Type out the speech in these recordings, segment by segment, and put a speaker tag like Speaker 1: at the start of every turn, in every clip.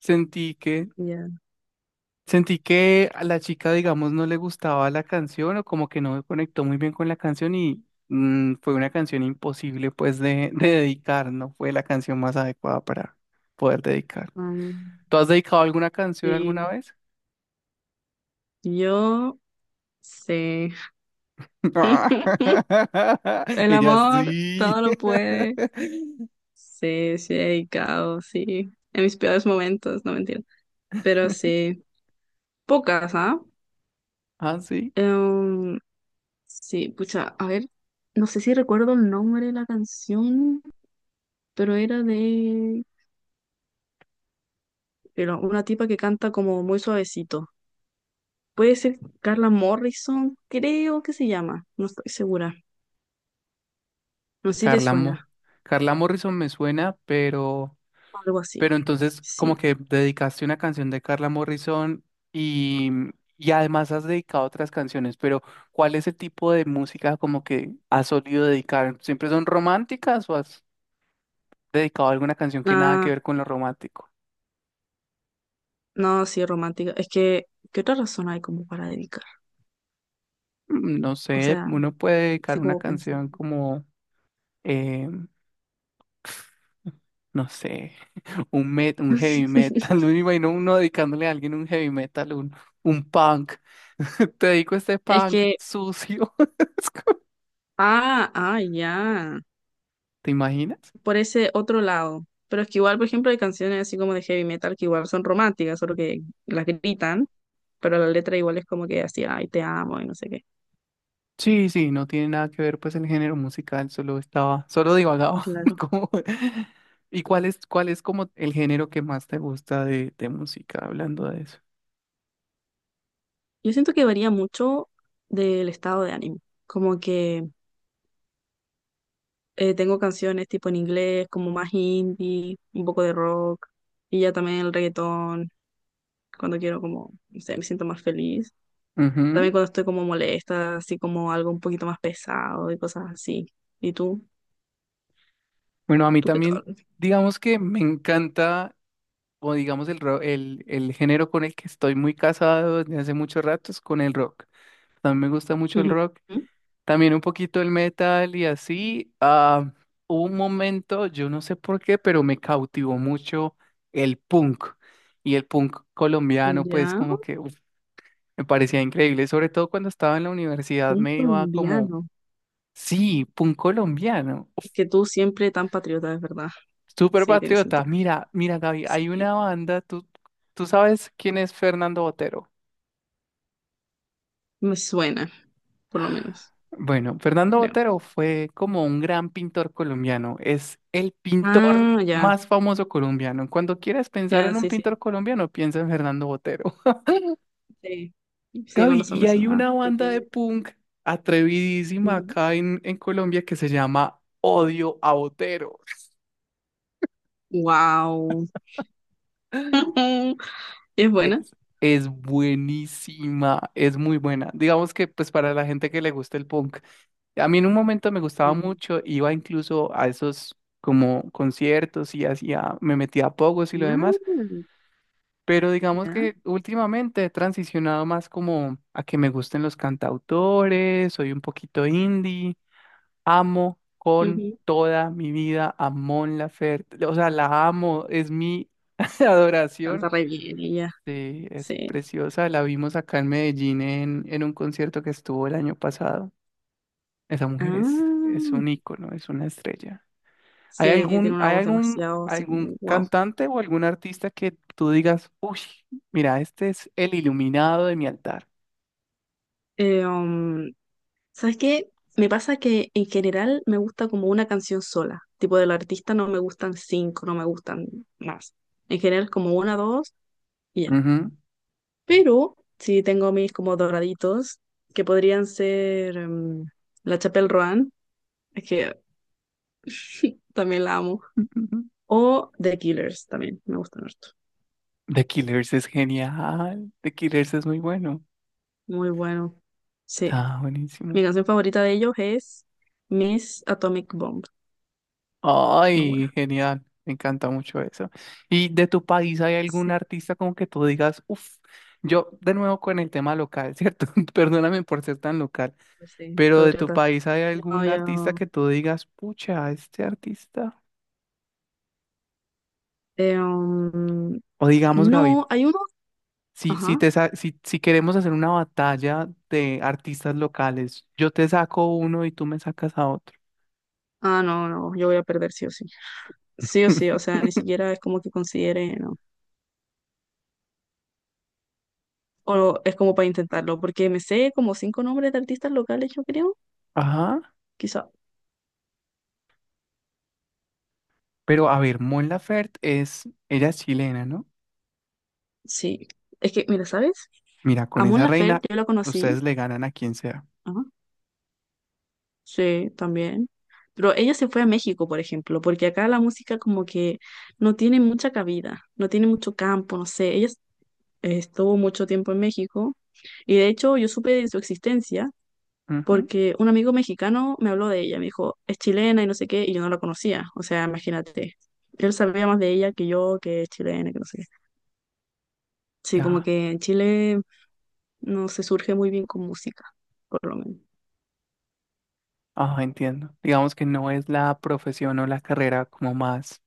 Speaker 1: Sentí que,
Speaker 2: Ya,
Speaker 1: sentí que a la chica, digamos, no le gustaba la canción o como que no conectó muy bien con la canción y fue una canción imposible pues de dedicar, no fue la canción más adecuada para poder dedicar.
Speaker 2: mm,
Speaker 1: ¿Tú has dedicado alguna canción
Speaker 2: sí,
Speaker 1: alguna vez?
Speaker 2: yo sé. El
Speaker 1: Ella
Speaker 2: amor
Speaker 1: sí.
Speaker 2: todo lo puede. Sí, sí, he dedicado, sí. En mis peores momentos, no mentira. Pero sí, pocas, ¿ah?
Speaker 1: Ah, sí.
Speaker 2: Em, sí, pucha, a ver, no sé si recuerdo el nombre de la canción, pero era de era una tipa que canta como muy suavecito. Puede ser Carla Morrison, creo que se llama, no estoy segura. No sé si te
Speaker 1: Carla Mo.
Speaker 2: suena,
Speaker 1: Carla Morrison me suena, pero
Speaker 2: algo
Speaker 1: Pero
Speaker 2: así.
Speaker 1: entonces, como
Speaker 2: Sí.
Speaker 1: que dedicaste una canción de Carla Morrison y, y además has dedicado otras canciones, pero ¿cuál es el tipo de música como que has solido dedicar? ¿Siempre son románticas o has dedicado alguna canción que nada que
Speaker 2: Ah,
Speaker 1: ver con lo romántico?
Speaker 2: no, sí, romántica. Es que, ¿qué otra razón hay como para dedicar?
Speaker 1: Mm, no
Speaker 2: O
Speaker 1: sé,
Speaker 2: sea,
Speaker 1: uno puede dedicar
Speaker 2: así
Speaker 1: una
Speaker 2: como pensando.
Speaker 1: canción como, eh, no sé, un heavy metal. No me imagino uno dedicándole a alguien un heavy metal, un punk. Te dedico este
Speaker 2: Es
Speaker 1: punk
Speaker 2: que,
Speaker 1: sucio.
Speaker 2: ah, ya,
Speaker 1: ¿Te imaginas?
Speaker 2: por ese otro lado. Pero es que igual, por ejemplo, hay canciones así como de heavy metal que igual son románticas, solo que las gritan, pero la letra igual es como que así, ay, te amo y no sé qué.
Speaker 1: Sí, sí, no tiene nada que ver pues el género musical, solo divagaba.
Speaker 2: Claro.
Speaker 1: Como- ¿Y cuál es como el género que más te gusta de música, hablando de eso?
Speaker 2: Yo siento que varía mucho del estado de ánimo. Como que tengo canciones tipo en inglés, como más indie, un poco de rock, y ya también el reggaetón. Cuando quiero como, no sé, me siento más feliz.
Speaker 1: Ujú.
Speaker 2: También cuando estoy como molesta, así como algo un poquito más pesado y cosas así. ¿Y tú?
Speaker 1: Bueno, a mí
Speaker 2: ¿Tú qué
Speaker 1: también,
Speaker 2: tal?
Speaker 1: digamos que me encanta, o digamos el
Speaker 2: Ujú.
Speaker 1: también un poquito el metal y así. Hubo un momento, yo no sé por qué, pero me cautivó mucho el punk. Y el punk colombiano, pues
Speaker 2: Ya,
Speaker 1: como que uf, me parecía increíble. Sobre todo cuando estaba en la universidad
Speaker 2: un
Speaker 1: me iba como,
Speaker 2: colombiano.
Speaker 1: sí, punk colombiano. Uf,
Speaker 2: Es que tú siempre tan patriota, es verdad.
Speaker 1: súper
Speaker 2: Sí, tiene
Speaker 1: patriota.
Speaker 2: sentido.
Speaker 1: Mira, mira, Gaby, hay
Speaker 2: Sí.
Speaker 1: una banda, tú sabes quién es Fernando Botero.
Speaker 2: Me suena, por lo menos,
Speaker 1: Bueno, Fernando
Speaker 2: creo.
Speaker 1: Botero fue como un gran pintor colombiano, es el pintor
Speaker 2: Ah, ya,
Speaker 1: más famoso colombiano. Cuando quieras pensar
Speaker 2: ya,
Speaker 1: en un
Speaker 2: sí,
Speaker 1: pintor
Speaker 2: sí.
Speaker 1: colombiano, piensa en Fernando Botero.
Speaker 2: Sí, sí, con
Speaker 1: Gaby,
Speaker 2: razón
Speaker 1: y
Speaker 2: me
Speaker 1: hay
Speaker 2: sonaba.
Speaker 1: una banda de
Speaker 2: Porque…
Speaker 1: punk atrevidísima acá en Colombia que se llama Odio a Botero.
Speaker 2: Wow. Es buena.
Speaker 1: Es, es buenísima, es muy buena. Digamos que pues para la gente que le gusta el punk. A mí en un momento me gustaba
Speaker 2: Mm.
Speaker 1: mucho, iba incluso a esos como conciertos y hacía, me metía a pogos y lo
Speaker 2: Ah,
Speaker 1: demás, pero digamos
Speaker 2: ya.
Speaker 1: que últimamente he transicionado más como a que me gusten los cantautores, soy un poquito indie, amo con
Speaker 2: Ujú.
Speaker 1: toda mi vida a Mon Laferte, o sea, la amo, es mi adoración.
Speaker 2: Canta re bien ella,
Speaker 1: Sí, es
Speaker 2: sí.
Speaker 1: preciosa. La vimos acá en Medellín en un concierto que estuvo el año pasado. Esa mujer es
Speaker 2: Ah,
Speaker 1: un ícono, es una estrella.
Speaker 2: sí, tiene una
Speaker 1: Hay
Speaker 2: voz
Speaker 1: algún,
Speaker 2: demasiado así como,
Speaker 1: algún
Speaker 2: wow.
Speaker 1: cantante o algún artista que tú digas, uy, mira, este es el iluminado de mi altar?
Speaker 2: Eh, um, ¿Sabes qué? Me pasa que en general me gusta como una canción sola. Tipo del artista no me gustan cinco, no me gustan más. En general como una, dos y ya.
Speaker 1: Ujú.
Speaker 2: Pero sí tengo mis como doraditos que podrían ser La Chapelle Roan, es que también la amo.
Speaker 1: Ujú,
Speaker 2: O The Killers también, me gustan harto.
Speaker 1: The Killers es genial. The Killers es muy bueno.
Speaker 2: Muy bueno. Sí.
Speaker 1: Ah, buenísimo.
Speaker 2: Mi canción favorita de ellos es Miss Atomic Bomb. Muy
Speaker 1: Ay,
Speaker 2: buena.
Speaker 1: genial. Me encanta mucho eso. ¿Y de tu país hay algún
Speaker 2: Sí,
Speaker 1: artista como que tú digas, uff, yo de nuevo con el tema local, ¿cierto? Perdóname por ser tan local,
Speaker 2: pues sí.
Speaker 1: pero de tu
Speaker 2: Patriota.
Speaker 1: país hay
Speaker 2: No,
Speaker 1: algún artista
Speaker 2: yo.
Speaker 1: que tú digas, pucha, este artista?
Speaker 2: Eh, um,
Speaker 1: O digamos, Gaby,
Speaker 2: no, hay uno.
Speaker 1: si, si,
Speaker 2: Ajá.
Speaker 1: te sa- si, si queremos hacer una batalla de artistas locales, yo te saco uno y tú me sacas a otro.
Speaker 2: Ah, no, no, yo voy a perder sí o sí. Sí o sí, o sea, ni siquiera es como que considere, no. O es como para intentarlo, porque me sé como cinco nombres de artistas locales, yo creo.
Speaker 1: Ajá,
Speaker 2: Quizá.
Speaker 1: pero a ver, Mon Laferte es, ella es chilena, ¿no?
Speaker 2: Sí. Es que, mira, ¿sabes?
Speaker 1: Mira, con
Speaker 2: Amon
Speaker 1: esa
Speaker 2: Laferte,
Speaker 1: reina
Speaker 2: yo la conocí.
Speaker 1: ustedes le ganan a quien sea.
Speaker 2: Sí, también. Pero ella se fue a México, por ejemplo, porque acá la música como que no tiene mucha cabida, no tiene mucho campo, no sé. Ella estuvo mucho tiempo en México y de hecho yo supe de su existencia
Speaker 1: Ujú,
Speaker 2: porque un amigo mexicano me habló de ella, me dijo, es chilena y no sé qué, y yo no la conocía. O sea, imagínate, él sabía más de ella que yo, que es chilena, que no sé qué. Sí, como
Speaker 1: ya,
Speaker 2: que en Chile no se surge muy bien con música, por lo menos.
Speaker 1: ah, entiendo. Digamos que no es la profesión o la carrera como más.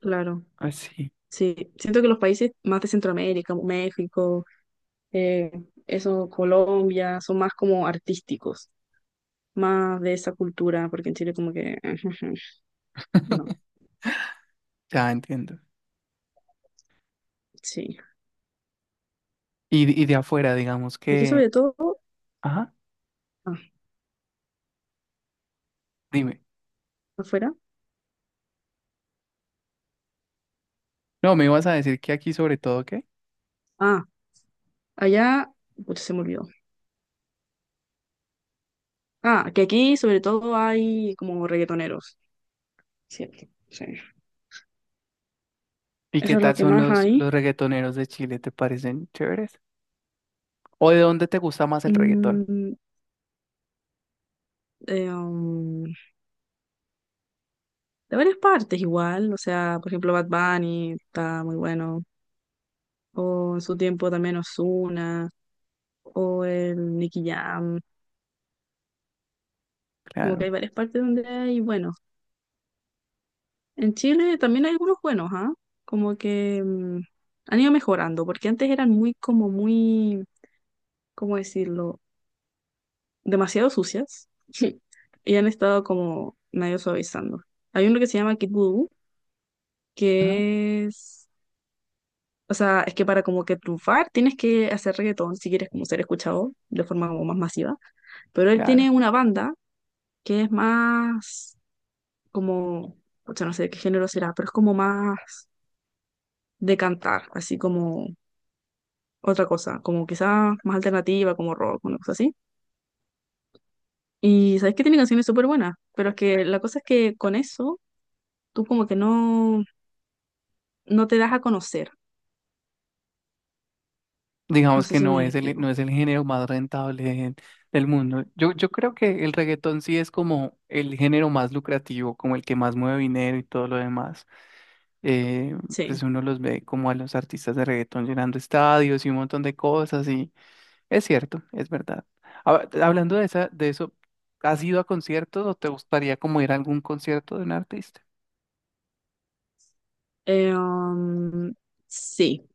Speaker 2: Claro.
Speaker 1: Ah, sí.
Speaker 2: Sí, siento que los países más de Centroamérica, como México, eh, eso Colombia, son más como artísticos, más de esa cultura, porque en Chile como que no,
Speaker 1: Ya entiendo.
Speaker 2: sí.
Speaker 1: Y de afuera, digamos
Speaker 2: Aquí
Speaker 1: que...
Speaker 2: sobre todo,
Speaker 1: Ajá,
Speaker 2: ah,
Speaker 1: dime.
Speaker 2: afuera,
Speaker 1: No, me ibas a decir que aquí sobre todo, ¿qué?
Speaker 2: ah, allá, pucha, se me olvidó. Ah, que aquí sobre todo hay como reggaetoneros, cierto, sí.
Speaker 1: ¿Y qué
Speaker 2: Eso es lo
Speaker 1: tal
Speaker 2: que
Speaker 1: son
Speaker 2: más hay.
Speaker 1: los reggaetoneros de Chile? ¿Te parecen chéveres? ¿O de dónde te gusta más el reggaetón?
Speaker 2: Mm, eh, um, de varias partes igual, o sea, por ejemplo Bad Bunny está muy bueno, o en su tiempo también Ozuna, o el Nicky Jam, como que
Speaker 1: Claro.
Speaker 2: hay varias partes donde hay buenos. En Chile también hay algunos buenos, ¿ah? Como que han ido mejorando, porque antes eran muy, como muy, ¿cómo decirlo? Demasiado sucias. Y han estado como medio suavizando. Hay uno que se llama Kid Voodoo,
Speaker 1: Ajá,
Speaker 2: que es, o sea, es que para como que triunfar tienes que hacer reggaetón si quieres como ser escuchado de forma como más masiva. Pero él tiene
Speaker 1: claro.
Speaker 2: una banda que es más como, o sea, no sé de qué género será, pero es como más de cantar, así como otra cosa, como quizás más alternativa, como rock, una cosa así. Y sabes que tiene canciones súper buenas, pero es que la cosa es que con eso tú como que no, no te das a conocer. No
Speaker 1: Digamos
Speaker 2: sé
Speaker 1: que
Speaker 2: si
Speaker 1: no
Speaker 2: me
Speaker 1: es
Speaker 2: explico.
Speaker 1: no es el género más rentable de- del mundo. Yo creo que el reggaetón sí es como el género más lucrativo, como el que más mueve dinero y todo lo demás. Eh, pues
Speaker 2: Sí.
Speaker 1: uno los ve como a los artistas de reggaetón llenando estadios y un montón de cosas y es cierto, es verdad. Hablando de esa, de eso, ¿has ido a conciertos o te gustaría como ir a algún concierto de un artista?
Speaker 2: Eh, um, sí,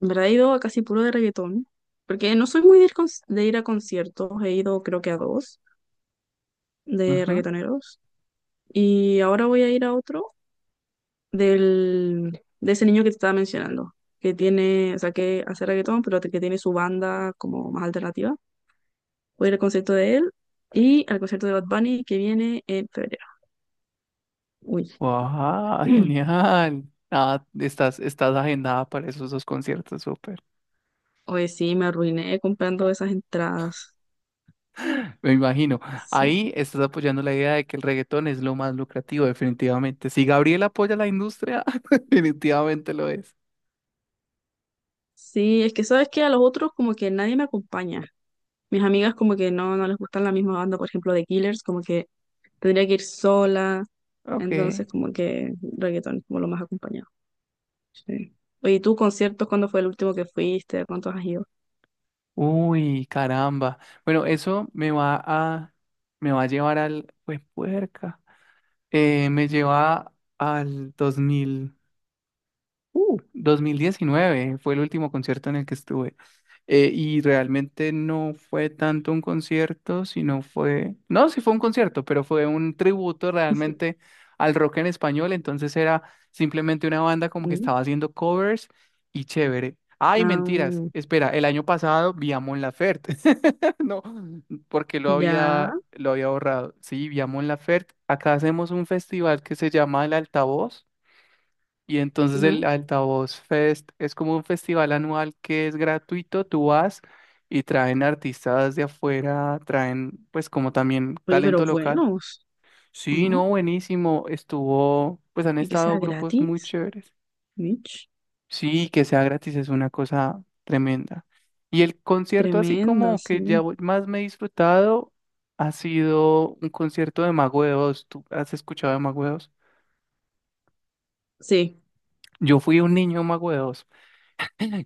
Speaker 2: en verdad he ido a casi puro de reggaetón, porque no soy muy de ir, de ir a conciertos, he ido creo que a dos de
Speaker 1: Ujú.
Speaker 2: reggaetoneros. Y ahora voy a ir a otro de ese niño que te estaba mencionando, que tiene, o sea, que hace reggaetón, pero que tiene su banda como más alternativa. Voy a ir al concierto de él y al concierto de Bad Bunny que viene en febrero. Uy,
Speaker 1: ¡Guau! Genial. Ah, estás agendada para esos dos conciertos, súper.
Speaker 2: hoy sí, me arruiné comprando esas entradas.
Speaker 1: Me imagino.
Speaker 2: Sí.
Speaker 1: Ahí estás apoyando la idea de que el reggaetón es lo más lucrativo, definitivamente. Si Gabriel apoya la industria, definitivamente lo es.
Speaker 2: Sí, es que sabes que a los otros como que nadie me acompaña. Mis amigas como que no, no les gustan la misma banda, por ejemplo, de Killers, como que tendría que ir sola.
Speaker 1: Ok.
Speaker 2: Entonces como que reggaetón es como lo más acompañado. Sí. Oye, ¿y tú conciertos cuándo fue el último que fuiste? ¿Cuántos has ido?
Speaker 1: Uy, caramba. Bueno, eso me va a llevar al, pues, puerca. Me lleva al 2000. 2019 fue el último concierto en el que estuve. Y realmente no fue tanto un concierto, sino fue, no, sí fue un concierto, pero fue un tributo realmente al rock en español, entonces era simplemente una banda como que
Speaker 2: Mm,
Speaker 1: estaba haciendo covers y chévere. Ay, mentiras,
Speaker 2: ah,
Speaker 1: espera, el año pasado vi a Mon Laferte, no, porque
Speaker 2: ya.
Speaker 1: lo había borrado. Sí, vi a Mon Laferte, acá hacemos un festival que se llama El Altavoz y entonces el
Speaker 2: Ujú.
Speaker 1: Altavoz Fest es como un festival anual que es gratuito, tú vas y traen artistas de afuera, traen pues como también
Speaker 2: Oye, pero
Speaker 1: talento local.
Speaker 2: buenos, ¿o
Speaker 1: Sí, no,
Speaker 2: no?
Speaker 1: buenísimo, estuvo, pues han
Speaker 2: Y que sea
Speaker 1: estado grupos muy
Speaker 2: gratis.
Speaker 1: chéveres.
Speaker 2: Mitch.
Speaker 1: Sí, que sea gratis es una cosa tremenda. Y el concierto así
Speaker 2: Tremendo,
Speaker 1: como que
Speaker 2: sí.
Speaker 1: más me he disfrutado ha sido un concierto de Mago de Oz. ¿Tú has escuchado de Mago de Oz?
Speaker 2: Sí,
Speaker 1: Yo fui un niño Mago de Oz.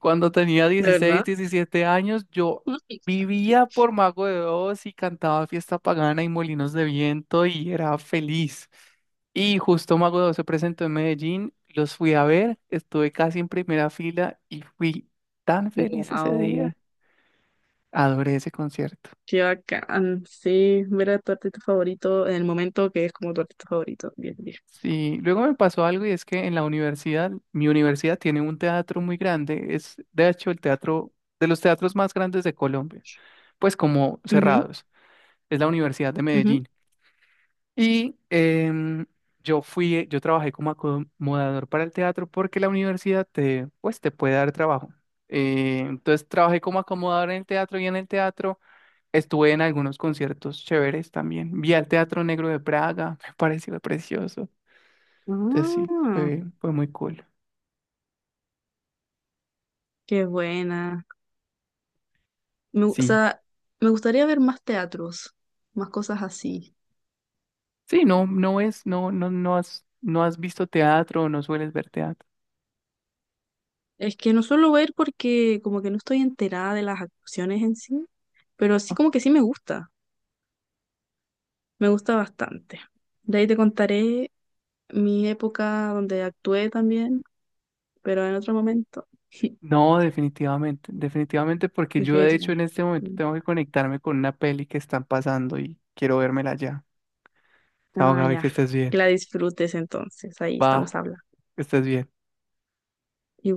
Speaker 1: Cuando tenía
Speaker 2: de
Speaker 1: dieciséis,
Speaker 2: verdad.
Speaker 1: diecisiete años, yo vivía por Mago de Oz y cantaba Fiesta Pagana y Molinos de Viento y era feliz. Y justo Mago de Oz se presentó en Medellín, los fui a ver, estuve casi en primera fila y fui tan feliz ese día.
Speaker 2: Wow.
Speaker 1: Adoré ese concierto.
Speaker 2: Qué bacán. Sí, ver a tu artista favorito en el momento que es como tu artista favorito. Bien, bien.
Speaker 1: Sí, luego me pasó algo y es que en la universidad, mi universidad tiene un teatro muy grande, es de hecho el teatro de los teatros más grandes de Colombia, pues como
Speaker 2: Ujú,
Speaker 1: cerrados. Es la Universidad de
Speaker 2: ujú.
Speaker 1: Medellín. Y yo trabajé como acomodador para el teatro porque la universidad te, pues, te puede dar trabajo. Entonces trabajé como acomodador en el teatro y en el teatro estuve en algunos conciertos chéveres también. Vi al Teatro Negro de Praga, me pareció precioso. Entonces sí,
Speaker 2: Ah,
Speaker 1: fue muy cool.
Speaker 2: qué buena. O
Speaker 1: Sí.
Speaker 2: sea, me gustaría ver más teatros, más cosas así.
Speaker 1: Sí, no has, no has visto teatro, no sueles ver teatro.
Speaker 2: Es que no suelo ver porque como que no estoy enterada de las actuaciones en sí, pero sí como que sí me gusta bastante. De ahí te contaré mi época donde actué también, pero en otro momento.
Speaker 1: No, definitivamente, definitivamente, porque yo de hecho en
Speaker 2: Definitivamente.
Speaker 1: este momento tengo que conectarme con una peli que están pasando y quiero vérmela ya. Chao,
Speaker 2: Ah,
Speaker 1: Gaby, que
Speaker 2: ya.
Speaker 1: estés bien.
Speaker 2: Que la disfrutes entonces, ahí estamos
Speaker 1: Va,
Speaker 2: hablando.
Speaker 1: que estés bien.
Speaker 2: Igual.